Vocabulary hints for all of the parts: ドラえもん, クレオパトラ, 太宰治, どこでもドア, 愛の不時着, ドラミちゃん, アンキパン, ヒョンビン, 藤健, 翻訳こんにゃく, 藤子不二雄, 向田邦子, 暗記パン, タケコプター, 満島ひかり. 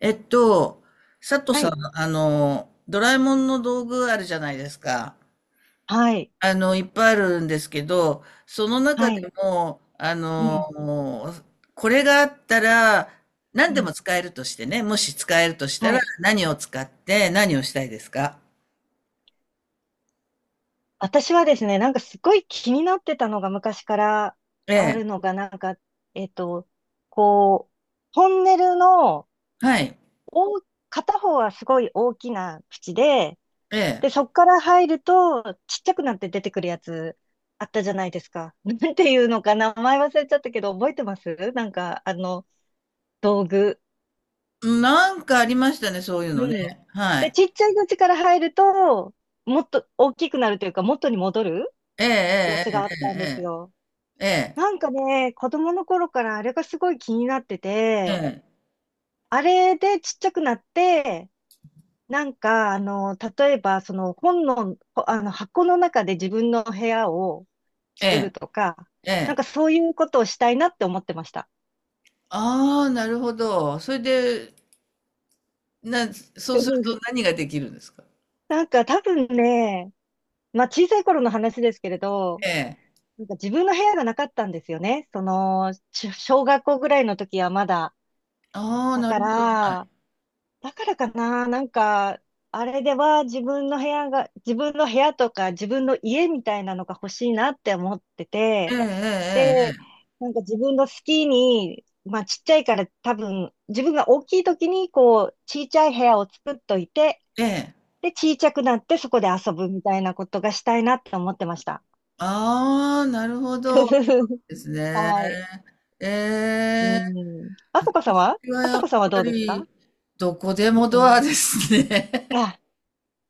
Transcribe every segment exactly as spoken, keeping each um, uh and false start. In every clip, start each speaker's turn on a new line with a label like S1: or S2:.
S1: えっと、佐藤
S2: は
S1: さん、
S2: い、
S1: あの、ドラえもんの道具あるじゃないですか。
S2: はい、
S1: あの、いっぱいあるんですけど、その
S2: は
S1: 中で
S2: い、
S1: も、あ
S2: う
S1: の、
S2: ん、
S1: これがあったら、
S2: う
S1: 何でも
S2: ん、
S1: 使えるとしてね、もし使えるとした
S2: は
S1: ら、
S2: い。
S1: 何を使って何をしたいですか？
S2: 私はですね、なんかすごい気になってたのが昔から
S1: え
S2: あ
S1: え、
S2: るのが、なんか、えっと、こう、トンネルの
S1: はい、
S2: 大、片方はすごい大きな口で、
S1: ええ。
S2: で、そこから入るとちっちゃくなって出てくるやつあったじゃないですか。なんていうのか名前忘れちゃったけど、覚えてますなんか、あの、道具。
S1: なんかありましたね、そういうのね。
S2: うん。
S1: は
S2: で、
S1: い。
S2: ちっちゃい口から入ると、もっと大きくなるというか、元に戻る
S1: え
S2: や
S1: え、
S2: つがあっ
S1: え
S2: たんですよ。
S1: え、ええ、
S2: なんかね、子供の頃からあれがすごい気になって
S1: ええ、
S2: て、
S1: ええ、
S2: あれでちっちゃくなって、なんか、あの、例えば、その本の、ほあの、箱の中で自分の部屋を作る
S1: え
S2: とか、
S1: え。
S2: なん
S1: ええ、
S2: かそういうことをしたいなって思ってました。
S1: ああ、なるほど。それで、なそうすると 何ができるんですか？
S2: なんか多分ね、まあ小さい頃の話ですけれど、
S1: ええ。
S2: なんか自分の部屋がなかったんですよね。その、ち小学校ぐらいの時はまだ。
S1: ああ、
S2: だ
S1: な
S2: か
S1: るほど、は
S2: ら、
S1: い。
S2: だからかな、なんか、あれでは自分の部屋が、自分の部屋とか自分の家みたいなのが欲しいなって思ってて、
S1: えええ
S2: で、なんか自分の好きに、まあちっちゃいから多分、自分が大きい時にこう、ちちゃい部屋を作っといて、
S1: えええええ。ええ。
S2: で、ちいちゃくなってそこで遊ぶみたいなことがしたいなって思ってました。
S1: ああ、なるほど。そう ですね。
S2: はい。
S1: え
S2: う
S1: え。
S2: ん。あさこさんは
S1: 私は
S2: あさ
S1: やっ
S2: こさんは
S1: ぱ
S2: どうですか？
S1: り、どこで
S2: う
S1: もド
S2: ん。
S1: アですね。
S2: あ、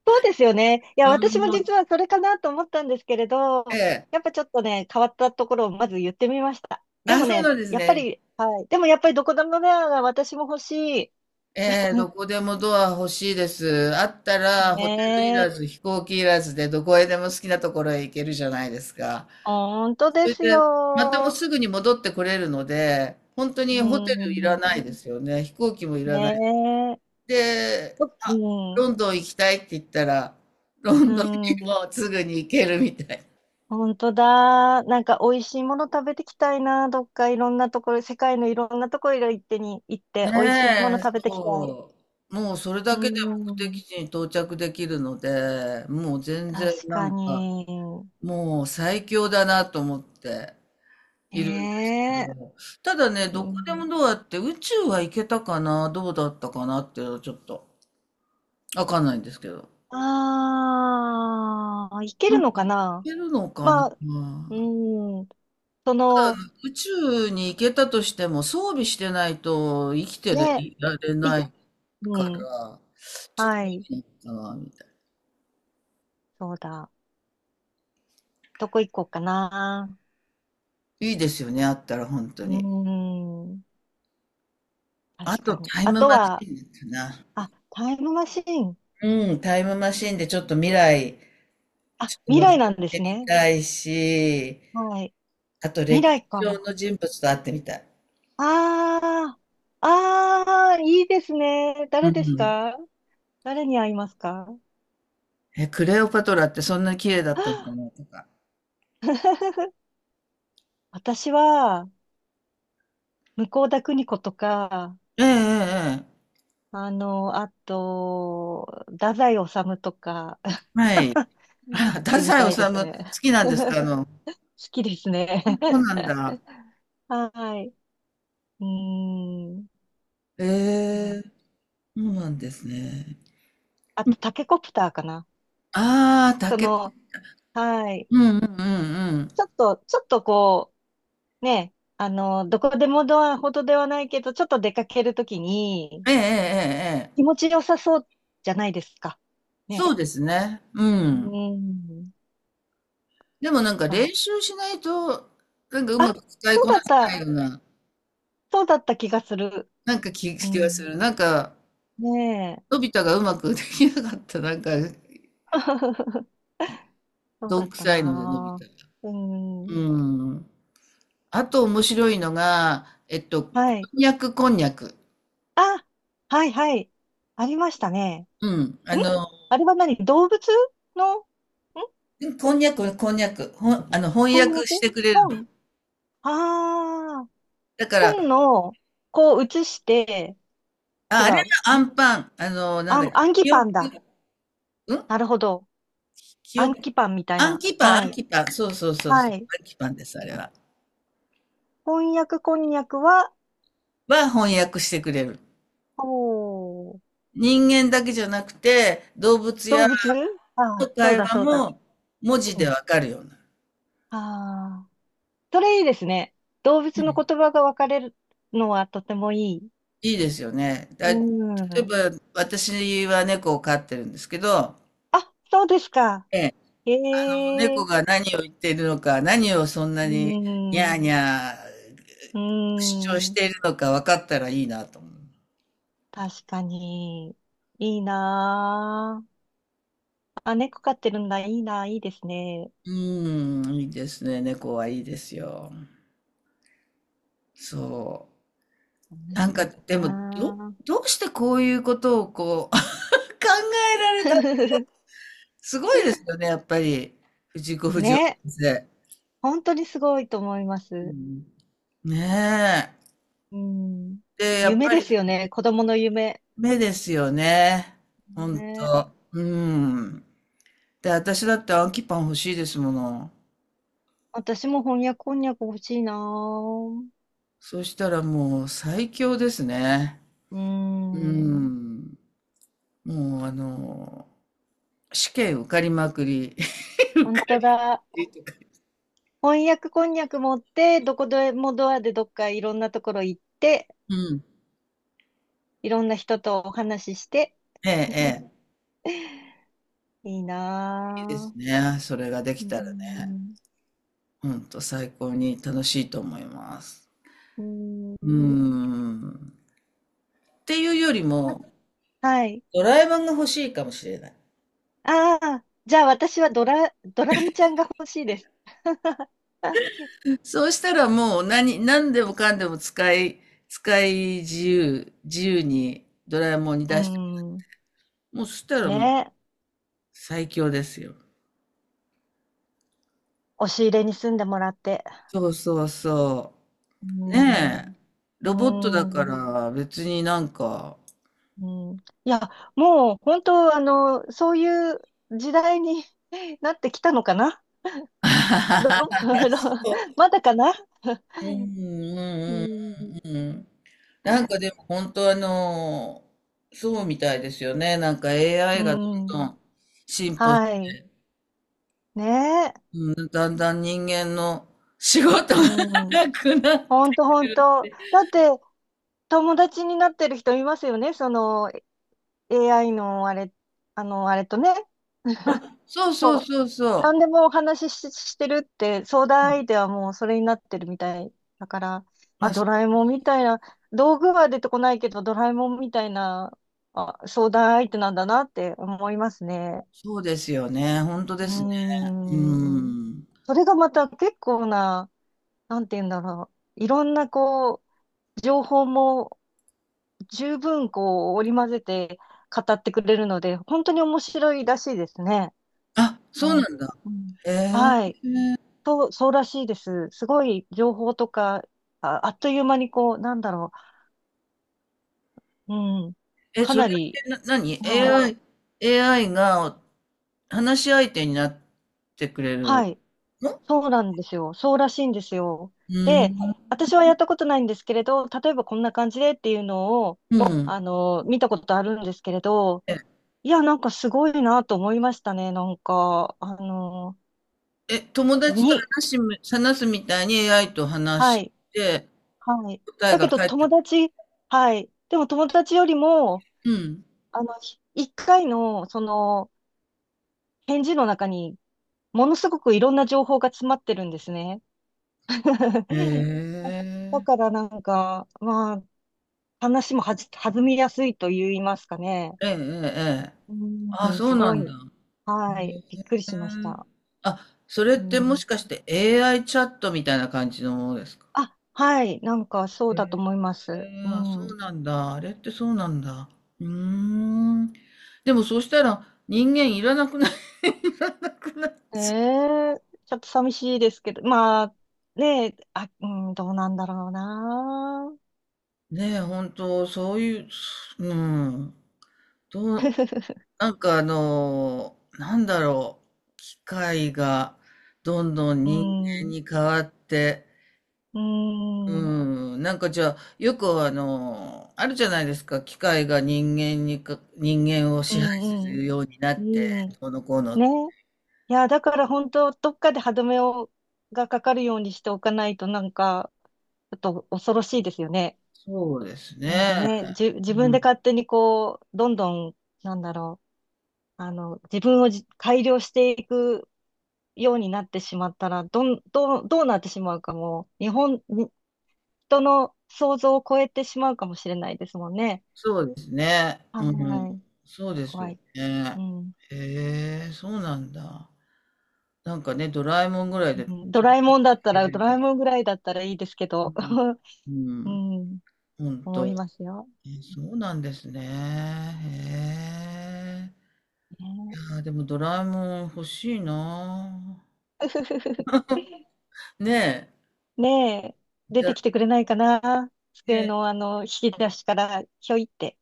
S2: そうですよね。いや、
S1: う
S2: 私
S1: ん、
S2: も
S1: もう
S2: 実はそれかなと思ったんですけれ
S1: え
S2: ど、
S1: え。
S2: やっぱちょっとね、変わったところをまず言ってみました。で
S1: あ、
S2: も
S1: そう
S2: ね、
S1: なんです
S2: やっぱ
S1: ね。
S2: り、はい。でもやっぱりどこでもドアが私も欲しい。
S1: ええ、どこでもドア欲しいです。あったらホテルい
S2: ね
S1: らず、
S2: え、
S1: 飛行機いらずでどこへでも好きなところへ行けるじゃないですか。
S2: 本当
S1: そ
S2: で
S1: れ
S2: す
S1: で、またもう
S2: よ。
S1: すぐに戻ってこれるので、本当に
S2: う
S1: ホテルいらな
S2: ん。
S1: いですよね。飛行機もい
S2: ね
S1: らない。
S2: え。
S1: で、
S2: う
S1: あ、ロン
S2: ん。
S1: ドン行きたいって言ったら、ロ
S2: う
S1: ンドンに
S2: ん。
S1: もすぐに行けるみたい。
S2: 本当だ。なんか美味しいもの食べてきたいな。どっかいろんなところ、世界のいろんなところ行ってに行って美味しいもの
S1: ねえ、
S2: 食べてきたい。
S1: そう。もうそれ
S2: う
S1: だけで目
S2: ん。
S1: 的地に到着できるので、もう全然
S2: 確
S1: な
S2: か
S1: んか、
S2: に。
S1: もう最強だなと思って
S2: え
S1: いるんですけ
S2: え
S1: ど、ただね、
S2: う
S1: どこでも
S2: ん。
S1: どうやって宇宙は行けたかな、どうだったかなっていうのはちょっと。わかんないんですけど。
S2: ああ、いけ
S1: うん。
S2: る
S1: い
S2: のかな。
S1: けるのかな。
S2: まあ、うん。その、
S1: 宇宙に行けたとしても装備してないと生きて
S2: ね、
S1: いられ
S2: い、
S1: ない
S2: う
S1: か
S2: ん。
S1: ら、ちょっ
S2: は
S1: と
S2: い。
S1: いいのかな、みたい
S2: そうだ。どこ行こうかな。
S1: な。いいですよね、あったら本当
S2: う
S1: に。
S2: ーん。
S1: あ
S2: 確か
S1: と
S2: に。
S1: タイ
S2: あ
S1: ム
S2: と
S1: マシー
S2: は、
S1: ンかな。
S2: あ、タイムマシーン。
S1: うん、タイムマシーンでちょっと未来、
S2: あ、
S1: ちょ
S2: 未
S1: っと
S2: 来
S1: 覗
S2: なんで
S1: いて
S2: す
S1: み
S2: ね。
S1: たいし、
S2: はい。
S1: あと
S2: 未
S1: 歴史
S2: 来か。
S1: 上の人物と会ってみたい。
S2: ああ、ああ、いいですね。
S1: う
S2: 誰です
S1: ん。
S2: か？誰に会いますか？
S1: え、クレオパトラってそんな綺麗だったのか
S2: あ
S1: なとか。
S2: 私は、向田邦子とか、
S1: ええええええ。
S2: あの、あと、太宰治とか、会
S1: はい。あ、
S2: っ
S1: 太
S2: てみた
S1: 宰
S2: い
S1: 治
S2: です
S1: 好
S2: ね。
S1: きなんですか？あ
S2: 好
S1: の、
S2: きですね。
S1: そうなん だ。
S2: はい。うーん。
S1: ええ、そうなんですね。
S2: あと、タケコプターかな。
S1: ああ、
S2: そ
S1: 竹
S2: の、はい。
S1: うんうんうんうん。
S2: ちょっと、ちょっとこう、ね、あの、どこでもドアほどではないけど、ちょっと出かけるときに、
S1: えええええ
S2: 気
S1: え、
S2: 持ちよさそうじゃないですか。ね。
S1: そうですね。うん。
S2: うん。
S1: でもなんか
S2: そ
S1: 練
S2: う。
S1: 習しないと、なんかうま
S2: あ、
S1: く使い
S2: そう
S1: こ
S2: だ
S1: な
S2: っ
S1: せない
S2: た。
S1: ような、
S2: そうだった気がする。
S1: なんかき
S2: う
S1: 気がす
S2: ん。
S1: る。なんか、
S2: ねえ。
S1: のび太がうまくできなかった、なんか、
S2: そう
S1: ど
S2: だ
S1: ん
S2: っ
S1: く
S2: た
S1: さいので、のび太
S2: な
S1: が。
S2: ぁ。う
S1: う
S2: ん。
S1: ん。あと面白いのが、えっと、
S2: は
S1: こ
S2: い。
S1: んにゃくこんにゃく。
S2: あ、はいはい。ありましたね。
S1: うん。あ
S2: ん
S1: の
S2: あれは何動物の、ん
S1: うん、こんにゃく、こんにゃく。ほん、あの、翻
S2: 翻
S1: 訳し
S2: 訳
S1: てくれるの。
S2: 本ああー、
S1: だから、
S2: 本の、こう写して、違
S1: あ、あれ
S2: う。
S1: がア
S2: ん
S1: ンパン、あの、なん
S2: あ
S1: だっ
S2: ん、
S1: け、
S2: 暗記
S1: 記
S2: パ
S1: 憶、
S2: ンだ。
S1: うん、
S2: なるほど。
S1: 記
S2: 暗
S1: 憶、
S2: 記パンみたい
S1: アン
S2: な。
S1: キパン、
S2: は
S1: アン
S2: い。
S1: キパン、そうそうそう
S2: は
S1: そう、
S2: い。
S1: アンキパンです、あれは。
S2: こんにゃくこんにゃくは、
S1: は翻訳してくれる。
S2: おー、
S1: 人間だけじゃなくて、動物や
S2: 動物あ
S1: の
S2: あ、そう
S1: 会
S2: だ
S1: 話
S2: そうだ。
S1: も文字
S2: う
S1: で
S2: ん。
S1: わかるような。
S2: ああ、それいいですね。動
S1: う
S2: 物の
S1: ん、
S2: 言葉が分かれるのはとてもいい。
S1: いいですよね。だ、
S2: う
S1: 例え
S2: ん。
S1: ば、私は猫を飼ってるんですけど、
S2: あ、そうですか。
S1: ええ、
S2: へ
S1: 猫
S2: え。
S1: が何を言っているのか、何をそんな
S2: う
S1: にニャー
S2: ん。
S1: ニャー
S2: う
S1: 主張し
S2: ん。
S1: ているのか分かったらいいなと思う。
S2: 確かに。いいなあ。あ、猫飼ってるんだ。いいなあ。いいですね。
S1: うーん、いいですね。猫はいいですよ。そう。な
S2: 何
S1: んか、
S2: か
S1: でも、ど、
S2: な
S1: どうしてこういうことをこう、考えられた。すごいですよね、やっぱり。藤子不二雄
S2: ね。
S1: 先生。
S2: 本当にすごいと思いま
S1: う
S2: す。
S1: ん、ね
S2: うん。
S1: え。で、やっ
S2: 夢
S1: ぱ
S2: で
S1: り
S2: すよね。子供の夢。
S1: 目ですよね。ほん
S2: ね。
S1: と。うん。で、私だって暗記パン欲しいですもの。
S2: 私も翻訳こんにゃく欲しいなぁ。
S1: そしたらもう最強ですね。
S2: う
S1: う
S2: ん。
S1: ん。もうあの、試験受かりまくり。受
S2: 本
S1: か
S2: 当だ。
S1: りとか。
S2: 翻訳こんにゃく持って、どこでもドアでどっかいろんなところ行って、
S1: うん。
S2: いろんな人とお話しして、
S1: ええ、え
S2: いい
S1: え。いいです
S2: な
S1: ね。それができ
S2: ぁ。う
S1: たらね。
S2: ん。
S1: ほんと最高に楽しいと思います。
S2: う
S1: う
S2: ん。
S1: ん。っていうより
S2: あ
S1: も、
S2: はい。
S1: ドラえもんが欲しいかもしれない。
S2: ああ、じゃあ私はドラ、ドラミちゃんが欲しいです。
S1: そうしたらもう何、何でもかんでも使い、使い自由、自由にドラえもんに
S2: う
S1: 出して、
S2: ん。
S1: もうそしたら
S2: ね
S1: もう
S2: え。
S1: 最強ですよ。
S2: 押し入れに住んでもらって。
S1: そうそうそ
S2: う
S1: う。
S2: ん。
S1: ねえ。ロボットだか
S2: うん。
S1: ら別になんか、
S2: うん。いや、もう本当、あの、そういう時代に なってきたのかなど、
S1: う
S2: まだかな。
S1: ん
S2: う
S1: うん
S2: ん。
S1: うんうん。なんかでも本当あの、そうみたいですよね。なんか
S2: う
S1: エーアイ がどん
S2: ん。
S1: どん進歩し、
S2: はい。ねえ。
S1: だんだん人間の仕事が
S2: う ん。
S1: なくなっ、
S2: 本当本当。だって、友達になってる人いますよね。その、エーアイ のあれ、あの、あれとね、
S1: あ、そうそう
S2: そう、
S1: そうそ
S2: 何でもお話しし、してるって、相
S1: う。う
S2: 談
S1: ん。
S2: 相手はもうそれになってるみたいだから、あ、
S1: あ、そ
S2: ドラえもんみたいな、道具は出てこないけど、ドラえもんみたいな、あ、相談相手なんだなって思いますね。
S1: そうですよね。ほんと
S2: う
S1: ですね。う
S2: ーん。
S1: ん。
S2: それがまた結構な、なんて言うんだろう。いろんなこう、情報も十分こう、織り交ぜて語ってくれるので、本当に面白いらしいですね。
S1: あ、そ
S2: な
S1: う
S2: ん、
S1: なんだ。
S2: うん、
S1: え
S2: はい。と、そうらしいです。すごい情報とか、あ、あっという間にこう、なんだろう。うん。
S1: ー。え、
S2: か
S1: そ
S2: な
S1: れっ
S2: り、
S1: てな何
S2: はい。
S1: a i AI が話し相手になってくれ
S2: は
S1: る
S2: い。
S1: の？
S2: そうなんですよ。そうらしいんですよ。
S1: う
S2: で、
S1: ん。
S2: 私はやったことないんですけれど、例えばこんな感じでっていうのを、
S1: うん。
S2: あの、見たことあるんですけれど、
S1: え、
S2: いや、なんかすごいなと思いましたね。なんか、あの、
S1: え、友達と
S2: に、
S1: 話しむ話すみたいに エーアイ と話
S2: は
S1: し
S2: い。
S1: て
S2: はい。
S1: 答え
S2: だけ
S1: が
S2: ど
S1: 返って
S2: 友
S1: くる。
S2: 達、はい。でも友達よりも、
S1: うん。
S2: あの、ひ一回の、その、返事の中に、ものすごくいろんな情報が詰まってるんですね。
S1: へえ
S2: だ
S1: ー。
S2: からなんか、まあ、話もはじ、弾みやすいと言いますかね。
S1: ええええええ。
S2: う
S1: あ、
S2: ん、
S1: そ
S2: す
S1: うな
S2: ご
S1: んだ。
S2: い。
S1: へ
S2: は
S1: へえ。
S2: い。びっくりしました。
S1: あ、それっ
S2: う
S1: ても
S2: ん。
S1: しかして エーアイ チャットみたいな感じのものですか？
S2: あ、はい。なんか、そうだと思います。
S1: ええ、
S2: う
S1: あ、そ
S2: ん。
S1: うなんだ。あれってそうなんだ。うーん。でもそうしたら人間いらなくなくな
S2: ええちょっと寂しいですけど、まあ、ねえ、あ、うん、どうなんだろうな。
S1: ねえ、本当そういう、うん。どう、なんかあの、なんだろう。機械がどんどん
S2: う
S1: 人間
S2: ん、
S1: に変わって、
S2: うん。
S1: うん、なんかじゃあ、よくあの、あるじゃないですか、機械が人間にか、人間を
S2: う
S1: 支配す
S2: んうん。
S1: るようになって、
S2: うん。
S1: どうのこうの。
S2: ね。いや、だから本当、どっかで歯止めを、がかかるようにしておかないと、なんか、ちょっと恐ろしいですよね。
S1: そうです
S2: なん
S1: ね。
S2: かね、じ、自分
S1: う
S2: で
S1: ん、
S2: 勝手にこう、どんどん、なんだろう、あの、自分をじ改良していくようになってしまったら、どん、どう、どうなってしまうかも、日本、に人の想像を超えてしまうかもしれないですもんね。
S1: そうですね。うん、
S2: はい。
S1: そうです
S2: 怖
S1: よ
S2: い。
S1: ね。
S2: うん。
S1: へえ、そうなんだ。なんかね、ドラえもんぐらいで、
S2: うん。ド
S1: とて
S2: ラ
S1: も、
S2: えもんだったら、ドラえもんぐらいだったらいいですけど。
S1: うん、
S2: うん、
S1: うん、ほん
S2: 思い
S1: と。
S2: ますよ。
S1: え、そうなんですね。へえ。い
S2: ね
S1: やー、でもドラえもん欲しいな
S2: え
S1: ー。ねえ。
S2: ねえ出
S1: じゃ、
S2: てきてくれないかな。机
S1: ね、
S2: のあの、引き出しから、ひょいって。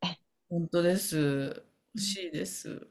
S1: 本当です。欲
S2: うん
S1: しいです。